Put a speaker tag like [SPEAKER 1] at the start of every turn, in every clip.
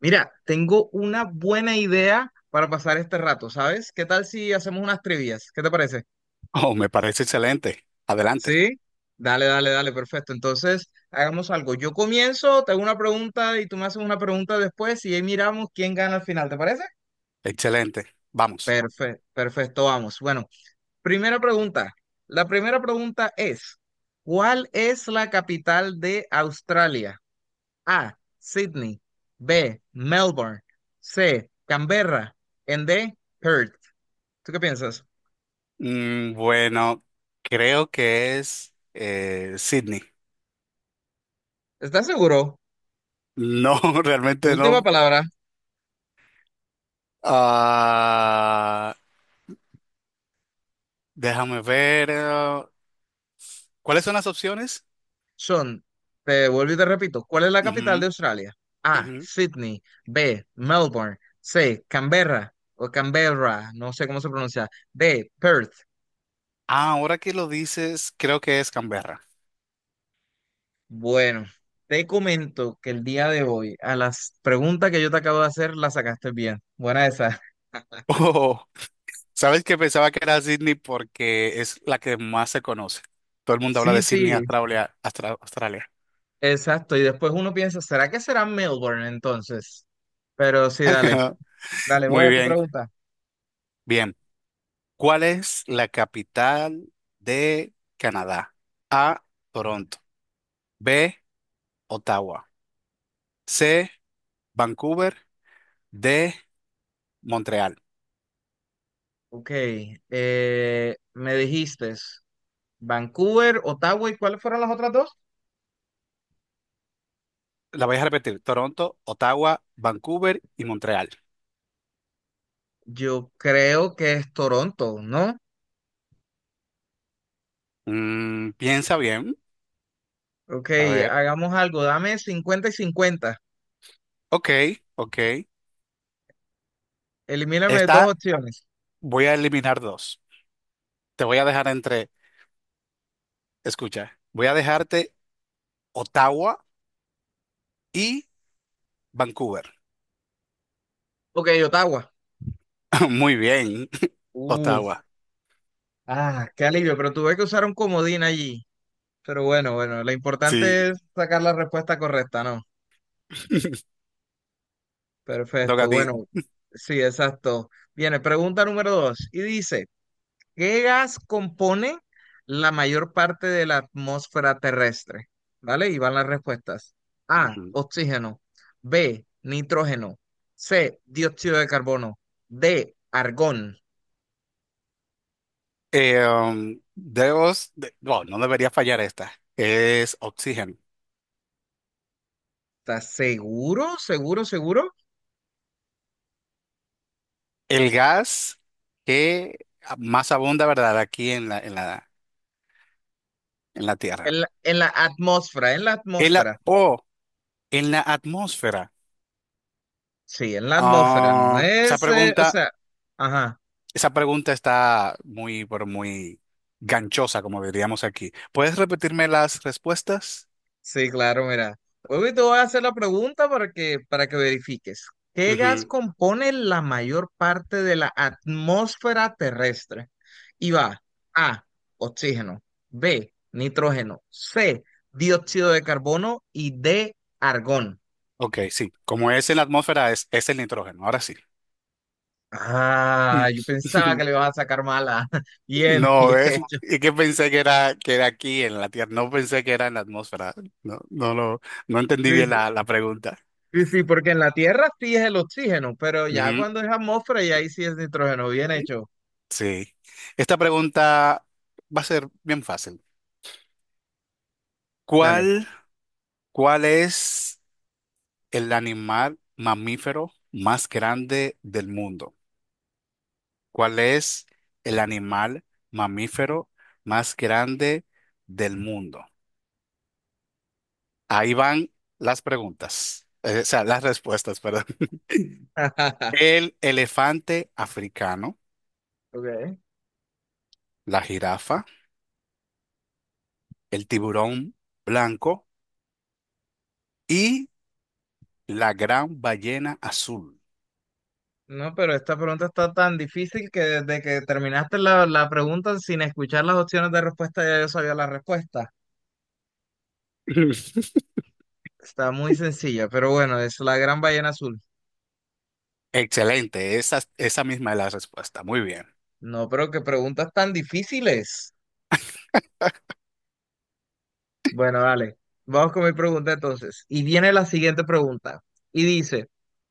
[SPEAKER 1] Mira, tengo una buena idea para pasar este rato, ¿sabes? ¿Qué tal si hacemos unas trivias? ¿Qué te parece?
[SPEAKER 2] Oh, me parece excelente. Adelante.
[SPEAKER 1] ¿Sí? Dale, dale, dale, perfecto. Entonces, hagamos algo. Yo comienzo, te hago una pregunta y tú me haces una pregunta después y ahí miramos quién gana al final, ¿te parece?
[SPEAKER 2] Excelente. Vamos.
[SPEAKER 1] Perfecto, perfecto, vamos. Bueno, primera pregunta. La primera pregunta es, ¿cuál es la capital de Australia? A, Sydney, B, Melbourne, C, Canberra, en D, Perth. ¿Tú qué piensas?
[SPEAKER 2] Bueno, creo que es Sydney.
[SPEAKER 1] ¿Estás seguro?
[SPEAKER 2] No, realmente
[SPEAKER 1] Última
[SPEAKER 2] no.
[SPEAKER 1] palabra.
[SPEAKER 2] Ah, déjame ver. ¿Cuáles son las opciones?
[SPEAKER 1] Son. Te vuelvo y te repito. ¿Cuál es la capital de Australia?
[SPEAKER 2] Ujú,
[SPEAKER 1] A.
[SPEAKER 2] ujú.
[SPEAKER 1] Sydney. B. Melbourne. C. Canberra o Canberra. No sé cómo se pronuncia. D. Perth.
[SPEAKER 2] Ah, ahora que lo dices, creo que es Canberra.
[SPEAKER 1] Bueno, te comento que el día de hoy a las preguntas que yo te acabo de hacer las sacaste bien. Buena esa.
[SPEAKER 2] Oh, ¿sabes que pensaba que era Sydney porque es la que más se conoce? Todo el mundo habla
[SPEAKER 1] Sí,
[SPEAKER 2] de Sydney,
[SPEAKER 1] sí,
[SPEAKER 2] Australia, Australia.
[SPEAKER 1] exacto. Y después uno piensa, ¿será que será Melbourne entonces? Pero sí, dale. Dale, voy
[SPEAKER 2] Muy
[SPEAKER 1] a tu
[SPEAKER 2] bien.
[SPEAKER 1] pregunta.
[SPEAKER 2] Bien. ¿Cuál es la capital de Canadá? A, Toronto. B, Ottawa. C, Vancouver. D, Montreal.
[SPEAKER 1] Ok, me dijiste Vancouver, Ottawa, ¿y cuáles fueron las otras dos?
[SPEAKER 2] La voy a repetir. Toronto, Ottawa, Vancouver y Montreal.
[SPEAKER 1] Yo creo que es Toronto, ¿no?
[SPEAKER 2] Piensa bien.
[SPEAKER 1] Ok,
[SPEAKER 2] A ver.
[SPEAKER 1] hagamos algo, dame 50-50,
[SPEAKER 2] Ok, ok.
[SPEAKER 1] elimíname dos
[SPEAKER 2] Esta
[SPEAKER 1] opciones.
[SPEAKER 2] voy a eliminar dos. Te voy a dejar entre, escucha, voy a dejarte Ottawa y Vancouver.
[SPEAKER 1] Ok, Ottawa.
[SPEAKER 2] Muy bien,
[SPEAKER 1] Uf,
[SPEAKER 2] Ottawa.
[SPEAKER 1] ah, qué alivio, pero tuve que usar un comodín allí. Pero bueno, bueno, lo
[SPEAKER 2] Sí,
[SPEAKER 1] importante es sacar la respuesta correcta, ¿no?
[SPEAKER 2] te toca
[SPEAKER 1] Perfecto,
[SPEAKER 2] a ti.
[SPEAKER 1] bueno, sí, exacto. Viene, pregunta número dos, y dice: ¿qué gas compone la mayor parte de la atmósfera terrestre? ¿Vale? Y van las respuestas. A,
[SPEAKER 2] Ujú.
[SPEAKER 1] oxígeno. B, nitrógeno. C, dióxido de carbono. D, argón.
[SPEAKER 2] Bueno, no debería fallar esta. Es oxígeno.
[SPEAKER 1] ¿Estás seguro? ¿Seguro? ¿Seguro?
[SPEAKER 2] El gas que más abunda, ¿verdad? Aquí en la Tierra.
[SPEAKER 1] En la atmósfera, en la
[SPEAKER 2] El a-
[SPEAKER 1] atmósfera.
[SPEAKER 2] o En la atmósfera.
[SPEAKER 1] Sí, en la atmósfera. No
[SPEAKER 2] Ah,
[SPEAKER 1] es, o sea, ajá.
[SPEAKER 2] esa pregunta está muy, pero muy ganchosa, como diríamos aquí. ¿Puedes repetirme las respuestas?
[SPEAKER 1] Sí, claro, mira. Hoy te voy a hacer la pregunta para que verifiques. ¿Qué gas
[SPEAKER 2] Ujú.
[SPEAKER 1] compone la mayor parte de la atmósfera terrestre? Y va A, oxígeno, B, nitrógeno, C, dióxido de carbono y D, argón.
[SPEAKER 2] Ok, sí. Como es en la atmósfera, es el nitrógeno. Ahora sí. Mm.
[SPEAKER 1] Ah, yo pensaba que le ibas a sacar mala. Bien, bien.
[SPEAKER 2] No, es que pensé que era aquí en la Tierra, no pensé que era en la atmósfera. No, no lo, no entendí
[SPEAKER 1] Sí,
[SPEAKER 2] bien
[SPEAKER 1] sí,
[SPEAKER 2] la pregunta.
[SPEAKER 1] sí, sí, porque en la Tierra sí es el oxígeno, pero ya
[SPEAKER 2] Ujú,
[SPEAKER 1] cuando es atmósfera y ahí sí es nitrógeno. Bien hecho.
[SPEAKER 2] sí. Esta pregunta va a ser bien fácil.
[SPEAKER 1] Dale.
[SPEAKER 2] ¿Cuál, ¿cuál es el animal mamífero más grande del mundo? ¿Cuál es el animal mamífero más grande del mundo? Ahí van las preguntas, o sea, las respuestas, perdón. El elefante africano,
[SPEAKER 1] Ok.
[SPEAKER 2] la jirafa, el tiburón blanco y la gran ballena azul.
[SPEAKER 1] No, pero esta pregunta está tan difícil que desde que terminaste la pregunta sin escuchar las opciones de respuesta ya yo sabía la respuesta. Está muy sencilla, pero bueno, es la gran ballena azul.
[SPEAKER 2] Excelente, esa misma es la respuesta. Muy bien.
[SPEAKER 1] No, pero qué preguntas tan difíciles. Bueno, dale, vamos con mi pregunta entonces. Y viene la siguiente pregunta. Y dice,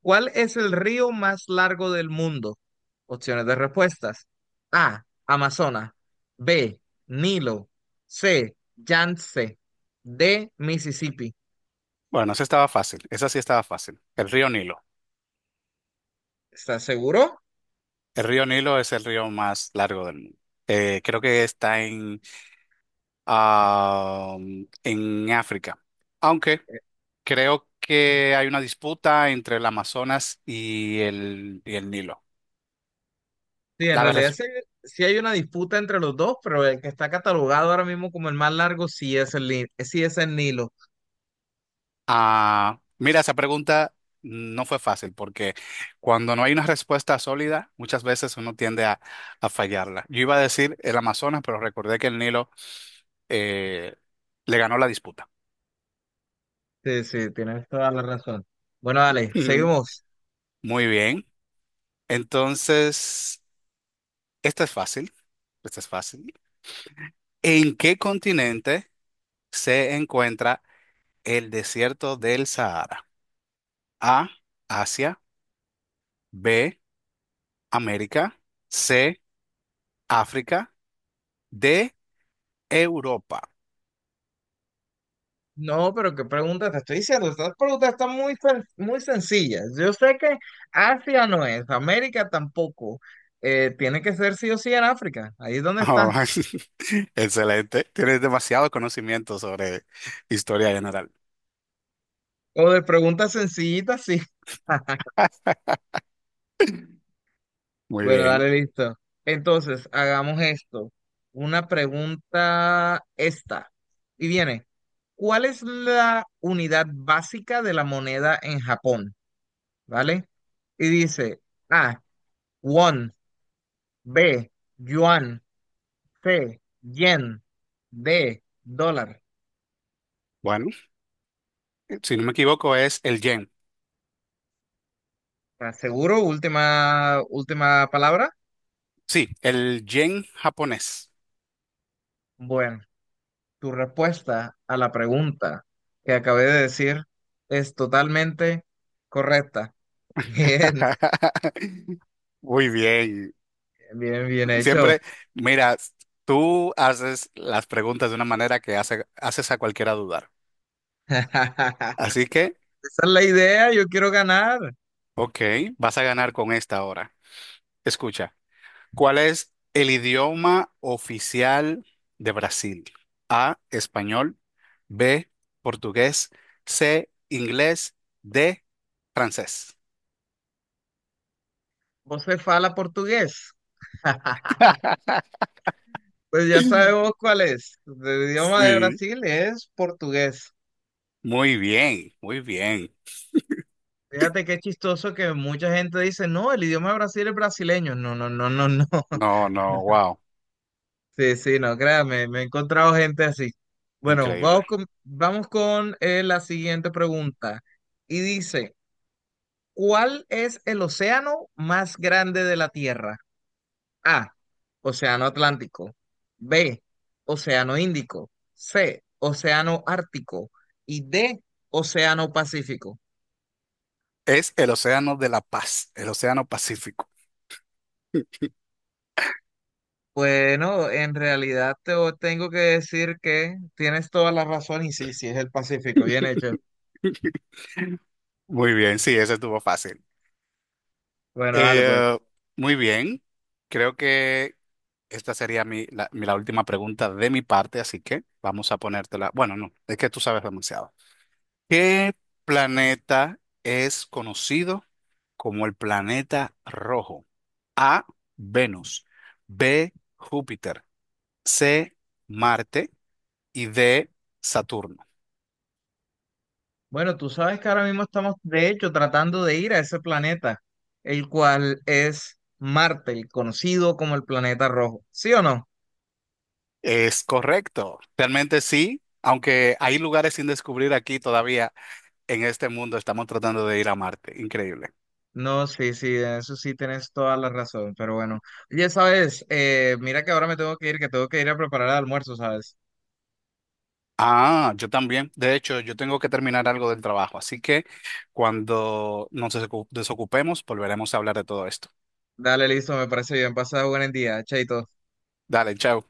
[SPEAKER 1] ¿cuál es el río más largo del mundo? Opciones de respuestas. A, Amazonas. B, Nilo. C, Yangtze. D, Mississippi.
[SPEAKER 2] Bueno, esa estaba fácil, esa sí estaba fácil. El río Nilo.
[SPEAKER 1] ¿Estás seguro?
[SPEAKER 2] El río Nilo es el río más largo del mundo. Creo que está en, ah, en África, aunque creo que hay una disputa entre el Amazonas y el Nilo.
[SPEAKER 1] Sí, en
[SPEAKER 2] La,
[SPEAKER 1] realidad
[SPEAKER 2] res-
[SPEAKER 1] sí, sí hay una disputa entre los dos, pero el que está catalogado ahora mismo como el más largo sí es el, sí es el Nilo.
[SPEAKER 2] Ah, mira, esa pregunta no fue fácil porque cuando no hay una respuesta sólida, muchas veces uno tiende a fallarla. Yo iba a decir el Amazonas, pero recordé que el Nilo eh, le ganó la disputa.
[SPEAKER 1] Sí, sí, tienes toda la razón. Bueno, dale,
[SPEAKER 2] Ujú.
[SPEAKER 1] seguimos.
[SPEAKER 2] Muy bien. Entonces, esta es fácil. Esta es fácil. ¿En qué continente se encuentra el desierto del Sahara? A, Asia. B, América. C, África. D, Europa.
[SPEAKER 1] No, pero qué pregunta te estoy diciendo. Estas preguntas están muy, muy sencillas. Yo sé que Asia no es, América tampoco. Tiene que ser sí o sí en África. Ahí es donde
[SPEAKER 2] Oh,
[SPEAKER 1] está.
[SPEAKER 2] excelente. Tienes demasiado conocimiento sobre historia general.
[SPEAKER 1] O de preguntas sencillitas, sí.
[SPEAKER 2] Muy
[SPEAKER 1] Bueno,
[SPEAKER 2] bien.
[SPEAKER 1] dale, listo. Entonces, hagamos esto. Una pregunta esta. Y viene, ¿cuál es la unidad básica de la moneda en Japón? ¿Vale? Y dice A, won, B, yuan, C, yen, D, dólar.
[SPEAKER 2] Bueno, si no me equivoco, es el yen.
[SPEAKER 1] ¿Estás seguro? Última, última palabra.
[SPEAKER 2] Sí, el yen japonés.
[SPEAKER 1] Bueno, tu respuesta a la pregunta que acabé de decir es totalmente correcta. Bien.
[SPEAKER 2] Muy bien.
[SPEAKER 1] Bien, bien hecho.
[SPEAKER 2] Siempre, mira, tú haces las preguntas de una manera que haces a cualquiera dudar. Así que,
[SPEAKER 1] Esa es la idea, yo quiero ganar.
[SPEAKER 2] ok, vas a ganar con esta ahora. Escucha. ¿Cuál es el idioma oficial de Brasil? A, español. B, portugués. C, inglés. D, francés.
[SPEAKER 1] Vos se fala portugués. Pues ya sabemos cuál es. El idioma de
[SPEAKER 2] Sí,
[SPEAKER 1] Brasil es portugués.
[SPEAKER 2] muy bien, muy bien.
[SPEAKER 1] Fíjate qué chistoso que mucha gente dice, no, el idioma de Brasil es brasileño. No, no, no, no, no.
[SPEAKER 2] No, no, wow,
[SPEAKER 1] Sí, sí, no, créame, me he encontrado gente así. Bueno, vamos
[SPEAKER 2] increíble.
[SPEAKER 1] con, vamos con la siguiente pregunta. Y dice, ¿cuál es el océano más grande de la Tierra? A, Océano Atlántico. B, Océano Índico. C, Océano Ártico. Y D, Océano Pacífico.
[SPEAKER 2] Es el Océano de la Paz, el Océano Pacífico.
[SPEAKER 1] Bueno, en realidad tengo que decir que tienes toda la razón y sí, sí es el Pacífico, bien hecho.
[SPEAKER 2] Muy bien, sí, ese estuvo fácil.
[SPEAKER 1] Bueno, dale pues.
[SPEAKER 2] Eh, Muy bien, creo que esta sería la última pregunta de mi parte, así que vamos a ponértela. Bueno, no, es que tú sabes demasiado. ¿Qué planeta es conocido como el planeta rojo? A, Venus. B, Júpiter. C, Marte. Y D, Saturno.
[SPEAKER 1] Bueno, tú sabes que ahora mismo estamos, de hecho, tratando de ir a ese planeta, el cual es Marte, el conocido como el planeta rojo. ¿Sí o no?
[SPEAKER 2] Es correcto, realmente sí, aunque hay lugares sin descubrir aquí todavía en este mundo, estamos tratando de ir a Marte, increíble.
[SPEAKER 1] No, sí, sí, en eso sí tienes toda la razón, pero bueno. Oye, sabes, mira que ahora me tengo que ir, que tengo que ir a preparar el almuerzo, ¿sabes?
[SPEAKER 2] Ah, yo también. De hecho, yo tengo que terminar algo del trabajo, así que cuando nos desocupemos, volveremos a hablar de todo esto.
[SPEAKER 1] Dale, listo, me parece bien, pasa buen día, chaito.
[SPEAKER 2] Dale, chao.